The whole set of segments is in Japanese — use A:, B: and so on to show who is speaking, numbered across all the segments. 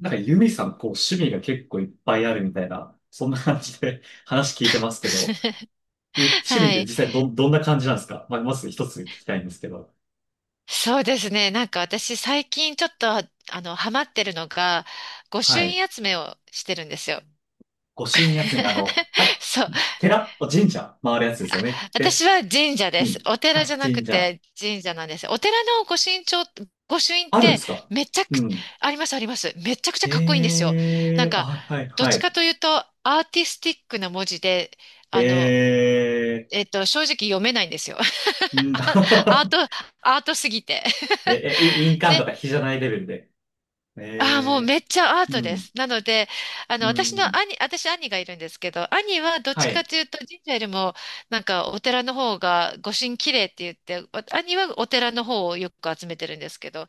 A: なんかユミさん、こう、趣味が結構いっぱいあるみたいな、そんな感じで 話聞いてますけど、趣 味
B: は
A: って実
B: い。
A: 際どんな感じなんですか？まあ、まず一つ聞きたいんですけど。
B: そうですね。私最近ちょっと、ハマってるのが、御朱
A: はい。
B: 印集めをしてるんですよ。
A: 御朱印集め、あの、あれ、
B: そう。
A: 寺、神社回るやつですよね。で、
B: 私は神社で
A: う
B: す。
A: ん。
B: お寺じ
A: あ、
B: ゃなく
A: 神社。
B: て神社なんです。お寺の御朱印帳、御朱印っ
A: あるんで
B: て
A: すか？
B: めちゃ
A: う
B: く、
A: ん。
B: ありますあります。めちゃくちゃかっこいいんです
A: え
B: よ。な
A: え
B: ん
A: ー、
B: か、
A: あ、はい
B: どっ
A: は
B: ちか
A: い。
B: というとアーティスティックな文字で、あの、
A: ええ
B: 正直読めないんですよ。
A: ー、うん。
B: あアート、アートすぎて。
A: え、え、い印 鑑と
B: で、
A: か比じゃないレベルで。
B: ああ、もう
A: え
B: めっちゃア
A: え
B: ー
A: ー、う
B: トで
A: ん、
B: す。なので、あの、
A: うん。
B: 私兄がいるんですけど、兄はどっ
A: は
B: ちか
A: い、
B: というと神社よりも、なんかお寺の方が御神綺麗って言って、兄はお寺の方をよく集めてるんですけど、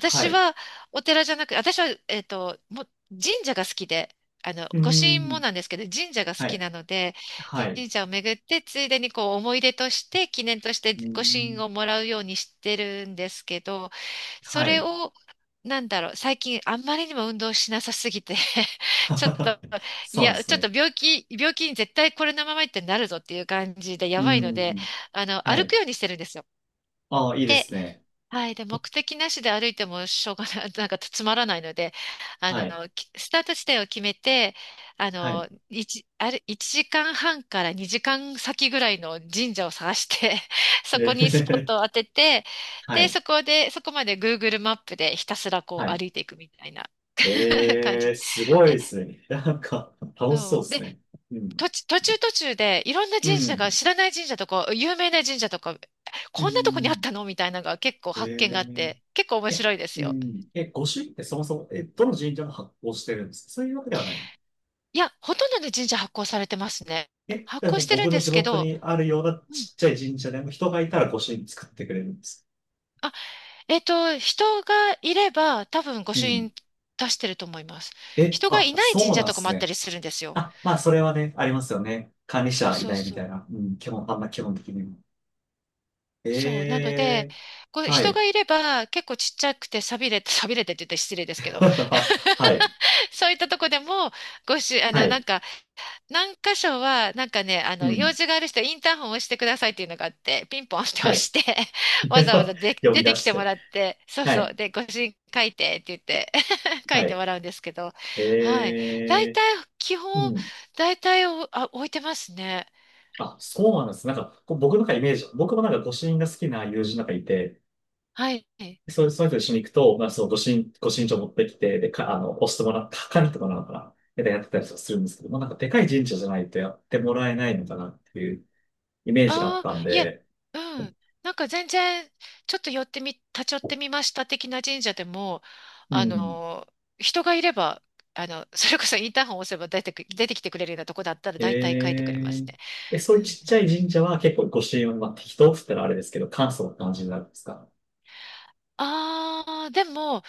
A: はい。
B: はお寺じゃなく、私は、もう神社が好きで、あの、
A: う
B: 御神も
A: ん。
B: なんですけど、神社が好
A: は
B: き
A: い。
B: なので、
A: はい。
B: 神社を巡って、ついでにこう思い出として、記念として
A: うー
B: 御神
A: ん。
B: をもらうようにしてるんですけど、そ
A: は
B: れ
A: い。
B: を、なんだろう、最近あんまりにも運動しなさすぎて ちょっと、い
A: そうで
B: や、
A: す
B: ちょっと
A: ね。
B: 病気、病気に絶対これのままいってなるぞっていう感じでや
A: うー
B: ばいので、
A: ん。
B: あの、
A: は
B: 歩く
A: い。
B: ようにしてるんですよ。
A: ああ、いいで
B: で
A: すね。
B: はい。で、目的なしで歩いてもしょうがない、なんかつまらないので、
A: はい。
B: スタート地点を決めて、あ
A: はい。
B: の、一あれ、1時間半から2時間先ぐらいの神社を探して、そこ
A: え
B: にスポッ
A: ー、
B: トを当てて、
A: は
B: で、
A: い。
B: そこで、そこまで Google マップでひたすらこ
A: は
B: う
A: い。
B: 歩いていくみたいな 感
A: えー、
B: じ。
A: すごいですね。なんか、楽しそう
B: そ
A: で
B: う。
A: す
B: で、
A: ね。うん。
B: 途中でいろんな
A: う
B: 神社
A: ん。
B: が、知らない神社とか、有名な神社とか、
A: う
B: こんなとこにあっ
A: ん。
B: たのみたいなのが結構
A: え
B: 発見があっ
A: ー、
B: て、結構面
A: え、
B: 白いです
A: う
B: よ。
A: ん。え、御朱印ってそもそも、どの神社が発行してるんですか？そういうわけではない。
B: いや、ほとんどの神社発行されてますね。
A: え、
B: 発
A: じゃ
B: 行
A: あ
B: してるん
A: 僕の
B: で
A: 地
B: すけ
A: 元
B: ど、
A: にあるような
B: うん。
A: ちっちゃい神社でも人がいたら御朱印作ってくれるんです。
B: あ、人がいれば多分御
A: う
B: 朱
A: ん。
B: 印出してると思います。
A: え、
B: 人が
A: あ、
B: いない神
A: そう
B: 社
A: なん
B: と
A: で
B: か
A: す
B: もあった
A: ね。
B: りするんですよ。
A: あ、まあ、それはね、ありますよね。管理
B: そう
A: 者偉
B: そう
A: 大み
B: そ
A: たい
B: う。
A: な。うん、基本、あんな基本的にも。え
B: そう。なので、
A: え、
B: こう
A: は
B: 人が
A: い。
B: いれば結構ちっちゃくて寂れてって言って失礼ですけ ど、
A: はい。
B: そういったとこでも、ご朱あ
A: は
B: の、な
A: い。
B: んか、何箇所は、なんかね、あ
A: う
B: の、用
A: ん。
B: 事がある人はインターホンを押してくださいっていうのがあって、ピンポンって押
A: はい。
B: して、わざわ ざで
A: 呼
B: 出
A: び出
B: てき
A: し
B: ても
A: て。
B: らって、そう
A: は
B: そう、
A: い。
B: で、ご主人書いてって言って 書
A: は
B: いて
A: い。
B: もらうんですけど、はい。
A: え
B: 大
A: え、
B: 体、基
A: う
B: 本、
A: ん。
B: 大体置いてますね。
A: あ、そうなんです。なんか、こう僕のなんかイメージ、僕もなんかご主人が好きな友人なんかいて、
B: はい。
A: そういう人と一緒に行くと、まあ、その、ご身長持ってきて、で、か、あの、押してもらった、管理とかなのかな。で、やってたりするんですけど、まあ、なんか、でかい神社じゃないとやってもらえないのかなっていうイメージがあ
B: あ
A: っ
B: あ、
A: たん
B: いえ、
A: で、
B: うん。全然、ちょっと寄ってみ、立ち寄ってみました的な神社でも、
A: う
B: あ
A: ん。
B: の人がいれば、あの、それこそインターホン押せば出てきてくれるようなとこだったら大体書いてくれま
A: え
B: す
A: ー、
B: ね。
A: そ
B: う
A: ういう
B: ん。
A: ちっちゃい神社は結構ご支援は、まあ、適当って言ったらあれですけど、簡素な感じになるんですか？
B: ああ、でも、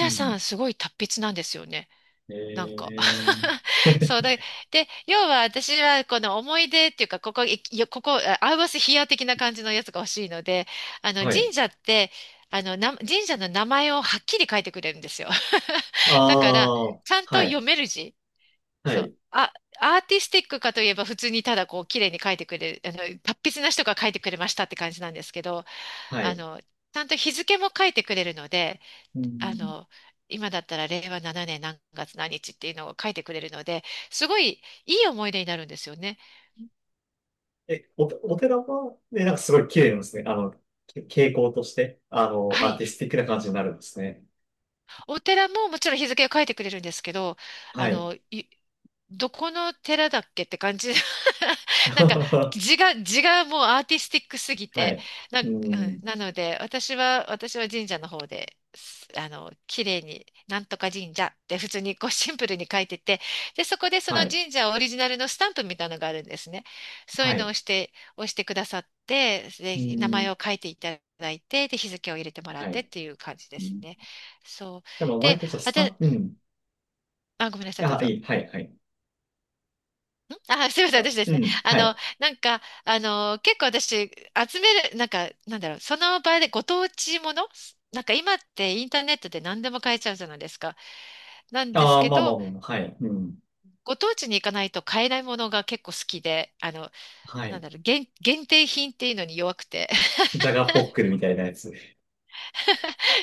A: う
B: さ
A: ん。
B: んすごい達筆なんですよね。
A: え
B: なんか
A: ー、
B: そうだ。で、要は私はこの思い出っていうか、ここ、いいやここ、あアウバスヒア的な感じのやつが欲しいので、あの、
A: はい。
B: 神社って、あの、な、神社の名前をはっきり書いてくれるんですよ。だから、
A: ああ、
B: ちゃんと
A: はい、
B: 読める字。
A: は
B: そう。
A: い、
B: あ、アーティスティックかといえば普通にただこう綺麗に書いてくれる、あの、達筆な人が書いてくれましたって感じなんですけど、
A: は
B: あ
A: い。
B: の、ちゃんと日付も書いてくれるので、
A: う
B: あ
A: ん。
B: の、今だったら令和7年何月何日っていうのを書いてくれるので、すごいいい思い出になるんですよね。
A: え、お寺は、ね、なんかすごい綺麗なんですね。け傾向として、
B: は
A: アー
B: い。
A: ティスティックな感じになるんですね。
B: お寺ももちろん日付を書いてくれるんですけど、
A: は
B: あ
A: い。
B: の、いどこの寺だっけって感じ。なんか字がもうアーティスティックすぎ
A: は
B: て。
A: い。
B: な
A: う
B: ん、うん
A: ん。
B: なので、私は神社の方で、すあの、綺麗に、なんとか神社って普通にこうシンプルに書いてて、で、そこでその
A: はい。
B: 神社オリジナルのスタンプみたいなのがあるんですね。そうい
A: は
B: うのを
A: い。
B: 押してくださって、で、
A: う
B: 名
A: ん。
B: 前を書いていただいて、で、日付を入れてもらっ
A: は
B: てっ
A: い。
B: ていう感じで
A: う
B: す
A: ん。
B: ね。そう。
A: でも、割
B: で、
A: とちょっとス
B: あ、
A: タッ
B: で、
A: フ、
B: う
A: う
B: ん
A: ん。
B: あ、ごめんなさい、どう
A: あ、
B: ぞ。
A: いい。はい、はい。
B: あ、すみません、
A: あ、
B: 私で
A: う
B: すね。
A: ん。はい。
B: 結構私、集める、なんか、なんだろう、その場でご当地もの、なんか今ってインターネットで何でも買えちゃうじゃないですか。なんです
A: ああ、
B: け
A: まあま
B: ど、
A: あまあ、はい。うん。
B: ご当地に行かないと買えないものが結構好きで、あの、
A: は
B: なん
A: い。
B: だろう、限定品っていうのに弱くて。
A: ジャガポックルみたいなやつ。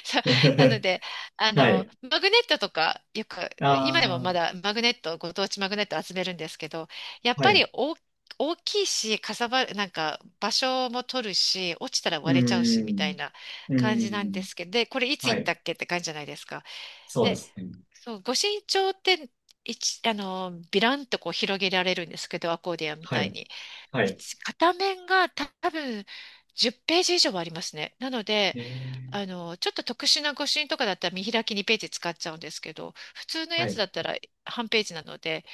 B: そうなの で、あ
A: は
B: の、
A: い。
B: マグネットとか、よく、今でも
A: ああ、
B: まだマグネット、ご当地マグネット集めるんですけど、やっ
A: は
B: ぱ
A: い。
B: り大、大きいし、かさばる、なんか場所も取るし、落ちたら
A: う
B: 割れちゃうし、
A: ー
B: みたい
A: ん。
B: な
A: うー
B: 感じなんで
A: ん。
B: すけど、で、これいつ
A: は
B: 行っ
A: い。
B: たっけって感じじゃないですか。
A: そうで
B: で、
A: すね。
B: そう、ご身長って、一、あの、ビランとこう広げられるんですけど、アコーディアンみ
A: は
B: たい
A: い。
B: に。
A: はい。
B: 一片面が多分10ページ以上はありますね。なので、
A: えー、
B: あの、ちょっと特殊な誤診とかだったら見開き2ページ使っちゃうんですけど、普通の
A: は
B: やつ
A: い。
B: だったら半ページなので、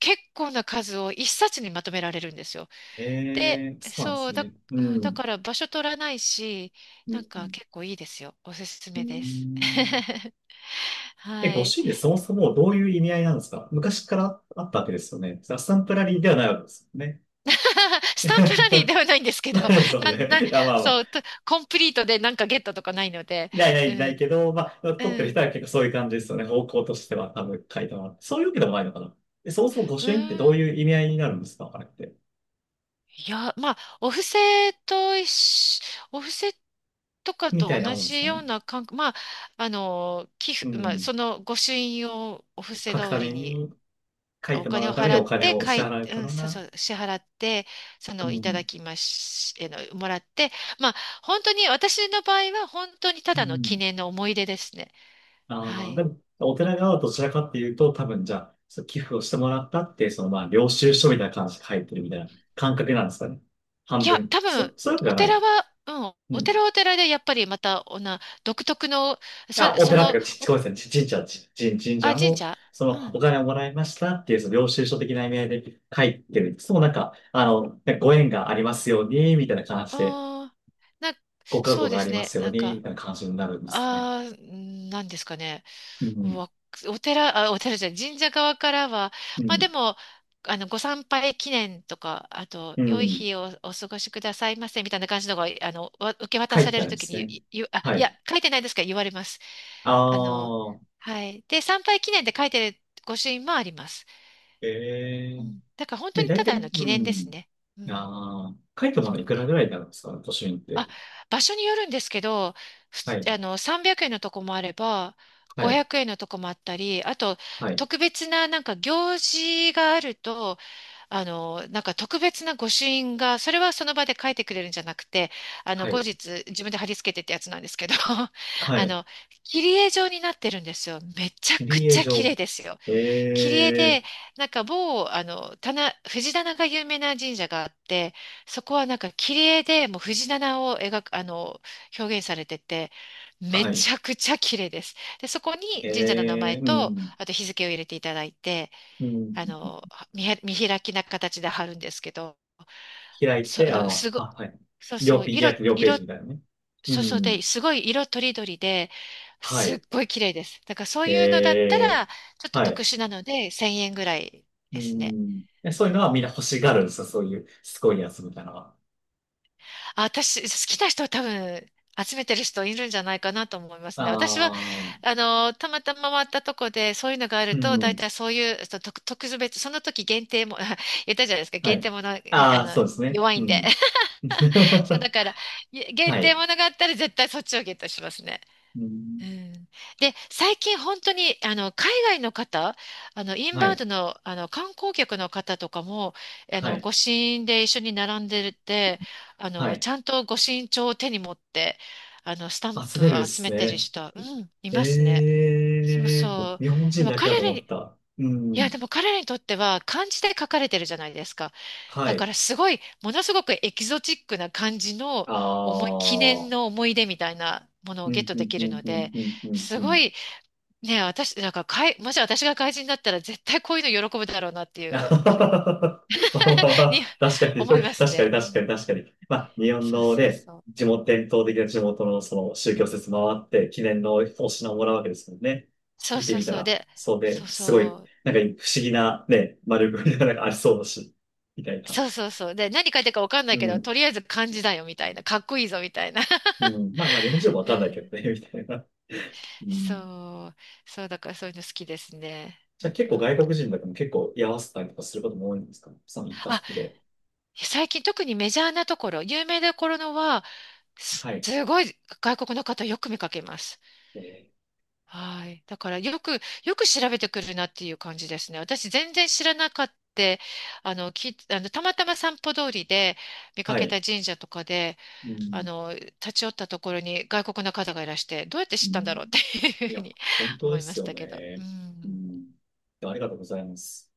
B: 結構な数を一冊にまとめられるんですよ。
A: え
B: で、
A: え、そうなんで
B: そ
A: す
B: うだ、
A: ね。う
B: うん、だか
A: ん。
B: ら場所取らないし、
A: う
B: なんか
A: ん、
B: 結構いいですよ。おすす
A: う
B: めです。
A: ん。 え、
B: は
A: ご
B: い。
A: 主人でそもそもどういう意味合いなんですか？昔からあったわけですよね。アッサンプラリーではないわけですよね。
B: スタンプラリー ではないんですけど、
A: ないですよ
B: なん、な、
A: ね。いや、まあまあ、
B: そう、とコンプリートでなんかゲットとかないので、
A: ないな
B: う
A: いない
B: ん、
A: けど、まあ、
B: う
A: 撮ってる人
B: ん、
A: は結構そういう感じですよね。方向としては多分書いてもらって。そういうわけでもないのかな。え、そもそも御
B: う
A: 朱印ってどう
B: ん。
A: いう意味合いになるんですか？あれって。
B: いや、まあ、と一緒、お布施とか
A: みた
B: と
A: いな
B: 同
A: もんです
B: じ
A: か
B: よう
A: ね。
B: な感覚、まあ、あの、寄
A: う
B: 付、まあ、
A: ん。
B: その御朱印をお布施
A: 書く
B: 代わ
A: た
B: り
A: め
B: に
A: に、書い
B: お
A: ても
B: 金
A: ら
B: を
A: うために
B: 払
A: お
B: っ
A: 金
B: て、
A: を
B: か
A: 支
B: い、
A: 払う
B: う
A: か
B: ん、
A: ら
B: そうそ
A: な。
B: う、支払って、そ
A: う
B: の、いただ
A: ん。
B: きまし、えの、もらって、まあ、本当に、私の場合は本当にた
A: う
B: だの記
A: ん。
B: 念の思い出ですね。は
A: ああ、で
B: い。
A: も、お寺側はどちらかっていうと、多分じゃあ、その寄付をしてもらったって、そのまあ、領収書みたいな感じで書いてるみたいな感覚なんですかね。半
B: いや、
A: 分。
B: 多
A: そ、
B: 分、
A: そういうわけじゃない。う
B: お
A: ん。
B: 寺はお寺でやっぱりまた、独特の、
A: あ、
B: そ、
A: お
B: そ
A: 寺ってい
B: の、
A: うか、ごめんなさい、ち神社、ち、神神
B: あ、
A: 社
B: 神
A: も、
B: 社
A: そ
B: う
A: の、お
B: ん。
A: 金をもらいましたっていう、その領収書的な意味合いで書いてる。そう、なんか、ねご縁がありますように、みたいな感じで、
B: ああ、な、
A: ご加
B: そ
A: 護
B: う
A: が
B: で
A: あ
B: す
A: りま
B: ね。
A: すように、みたいな感じになるんですかね。
B: なんですかね。
A: うん。
B: わ、お寺、あ、お寺じゃない、神社側からは、
A: う
B: まあ
A: ん。
B: でも、あの、ご参拝記念とか、あと、
A: う
B: 良い
A: ん。
B: 日をお過ごしくださいませ、みたいな感じのが、あの、受け渡
A: 書
B: さ
A: い
B: れ
A: てあ
B: る
A: るん
B: と
A: で
B: き
A: す
B: に、
A: ね。
B: いいあ、
A: は
B: いや、
A: い。
B: 書いてないですけど、言われます。
A: あ
B: あの、
A: あ。
B: はい。で、参拝記念で書いてる御朱印もあります。
A: え
B: う
A: え。
B: ん。だから本当
A: で、
B: にた
A: 大
B: だ
A: 体、
B: の記
A: う
B: 念です
A: ん。
B: ね。うん。
A: ああ、カイトなの
B: そ
A: い
B: う
A: くら
B: です。
A: ぐらいになるんですか？都心っ
B: あ、
A: て。
B: 場所によるんですけど、ふ
A: は
B: つ
A: い、
B: あの、300円のとこもあれば、
A: は
B: 500
A: い、
B: 円のとこもあったり、あと、
A: はい、
B: 特別な、なんか、行事があると、あの、なんか、特別な御朱印が、それはその場で書いてくれるんじゃなくて、あの、
A: は
B: 後
A: い、
B: 日、自分で貼り付けてってやつなんですけど、
A: は
B: あ
A: い。
B: の、切り絵状になってるんですよ。めちゃ
A: 切
B: く
A: り絵
B: ちゃ綺
A: 場。
B: 麗ですよ。切り
A: え
B: 絵
A: え、
B: で、なんか某、藤棚が有名な神社があって、そこはなんか切り絵でもう藤棚を描く、表現されてて、め
A: はい、
B: ちゃくちゃ綺麗です。で、そこに神社の名
A: え
B: 前
A: え、う
B: と、
A: ん、
B: あと日付を入れていただいて、
A: うん。
B: あの、見開きな形で貼るんですけど、
A: 開い
B: そ、
A: て、
B: あの、
A: あ
B: すご、
A: あ、はい。
B: そうそ
A: 両
B: う、
A: ページ、
B: 色、
A: 約両ペー
B: 色
A: ジみたいなね。う
B: そうそう
A: ん、
B: で、すごい色とりどりで、
A: は
B: すっ
A: い、
B: ごい綺麗です。だからそういうのだった
A: ええ、
B: ら、ちょっと
A: は
B: 特
A: い、
B: 殊なので、1000円ぐらい
A: う
B: ですね。
A: ん。え、そ
B: う
A: ういうのはみんな
B: ん。
A: 欲しがるんですよ、そういう、すごいやつみたいなのは。
B: あ、私、好きな人は多分、集めてる人いるんじゃないかなと思いま
A: あ
B: すね。私は、
A: あ、
B: たまたま回ったとこで、そういうのがある
A: う
B: と、大
A: ん。
B: 体そういう、特別、その時限定も、言ったじゃないですか、
A: は
B: 限定
A: い。
B: もの、に
A: ああ、そうですね。
B: 弱い
A: う
B: んで。
A: ん。
B: そう、だ から、限
A: は
B: 定
A: い。
B: ものがあったら、絶対そっちをゲットしますね。
A: う
B: う
A: ん、
B: ん。で、最近本当に海外の方、イン
A: は
B: バウン
A: い。
B: ドの、観光客の方とかも、
A: はい。
B: 御朱印で一緒に並んでて、
A: は
B: ち
A: い。
B: ゃんと御朱印帳を手に持って、スタン
A: あ、
B: プ
A: 滑るで
B: を集
A: す
B: めてる
A: ね。
B: 人は、うん、いますね。
A: え
B: そう
A: え
B: そ
A: ー、日本
B: う。で
A: 人
B: も
A: だけだ
B: 彼
A: と
B: ら
A: 思
B: に、
A: った。う
B: いや、
A: ん。
B: でも彼らにとっては漢字で書かれてるじゃないですか。
A: は
B: だか
A: い。
B: らすごい、ものすごくエキゾチックな感じの
A: あ
B: 記念の
A: あ。
B: 思い出みたいなものを
A: う
B: ゲッ
A: ん、
B: ト
A: う
B: で
A: ん、
B: き
A: う
B: る
A: ん、
B: の
A: うん、
B: で、
A: うん、うん。
B: す
A: う
B: ご
A: ん
B: い、ねえ、私、もし私が怪人だったら絶対こういうの喜ぶだろうなってい
A: ま
B: う
A: あ
B: ふうに
A: まあま あ、確かに、
B: 思いま
A: 確
B: す
A: かに、確
B: ね。うん。
A: かに、確かに。まあ、日本
B: そう
A: の
B: そう
A: ね、
B: そう。
A: 地元、伝統的な地元のその宗教施設回って、記念のお品をもらうわけですもんね。
B: そう
A: 行って
B: そう
A: みた
B: そう。
A: ら、
B: で、
A: そう
B: そ
A: で、
B: う
A: すごい、
B: そう。
A: なんか不思議なね、丸くみたいなのがありそうだし、みたいな。
B: そうそうそう。で、何書いてるかわかんない
A: う
B: けど、
A: ん、
B: とりあえず漢字だよみたいな。かっこいいぞみたいな。
A: うん。まあまあ、日本人もわ
B: う
A: かんないけ
B: ん。
A: どね、みたいな。うん。
B: そう。そう、だからそういうの好きですね。
A: じゃあ結
B: う
A: 構
B: ん。
A: 外国人だけど結構居合わせたりとかすることも多いんですか？その行った
B: あ、
A: 先で。
B: 最近特にメジャーなところ、有名なところのは、
A: はい。
B: すごい外国の方よく見かけます。
A: えー、
B: はい。だからよく、よく調べてくるなっていう感じですね。私全然知らなかった。あの、き、あの、たまたま散歩通りで見か
A: は
B: け
A: い。
B: た神社とかで、
A: うん、
B: 立ち寄ったところに外国の方がいらして、どうやって
A: う
B: 知ったん
A: ん。
B: だろうっていう
A: い
B: ふう
A: や、
B: に
A: 本当
B: 思
A: で
B: いま
A: す
B: し
A: よ
B: たけど。う
A: ね。う
B: ん。
A: ん。ありがとうございます。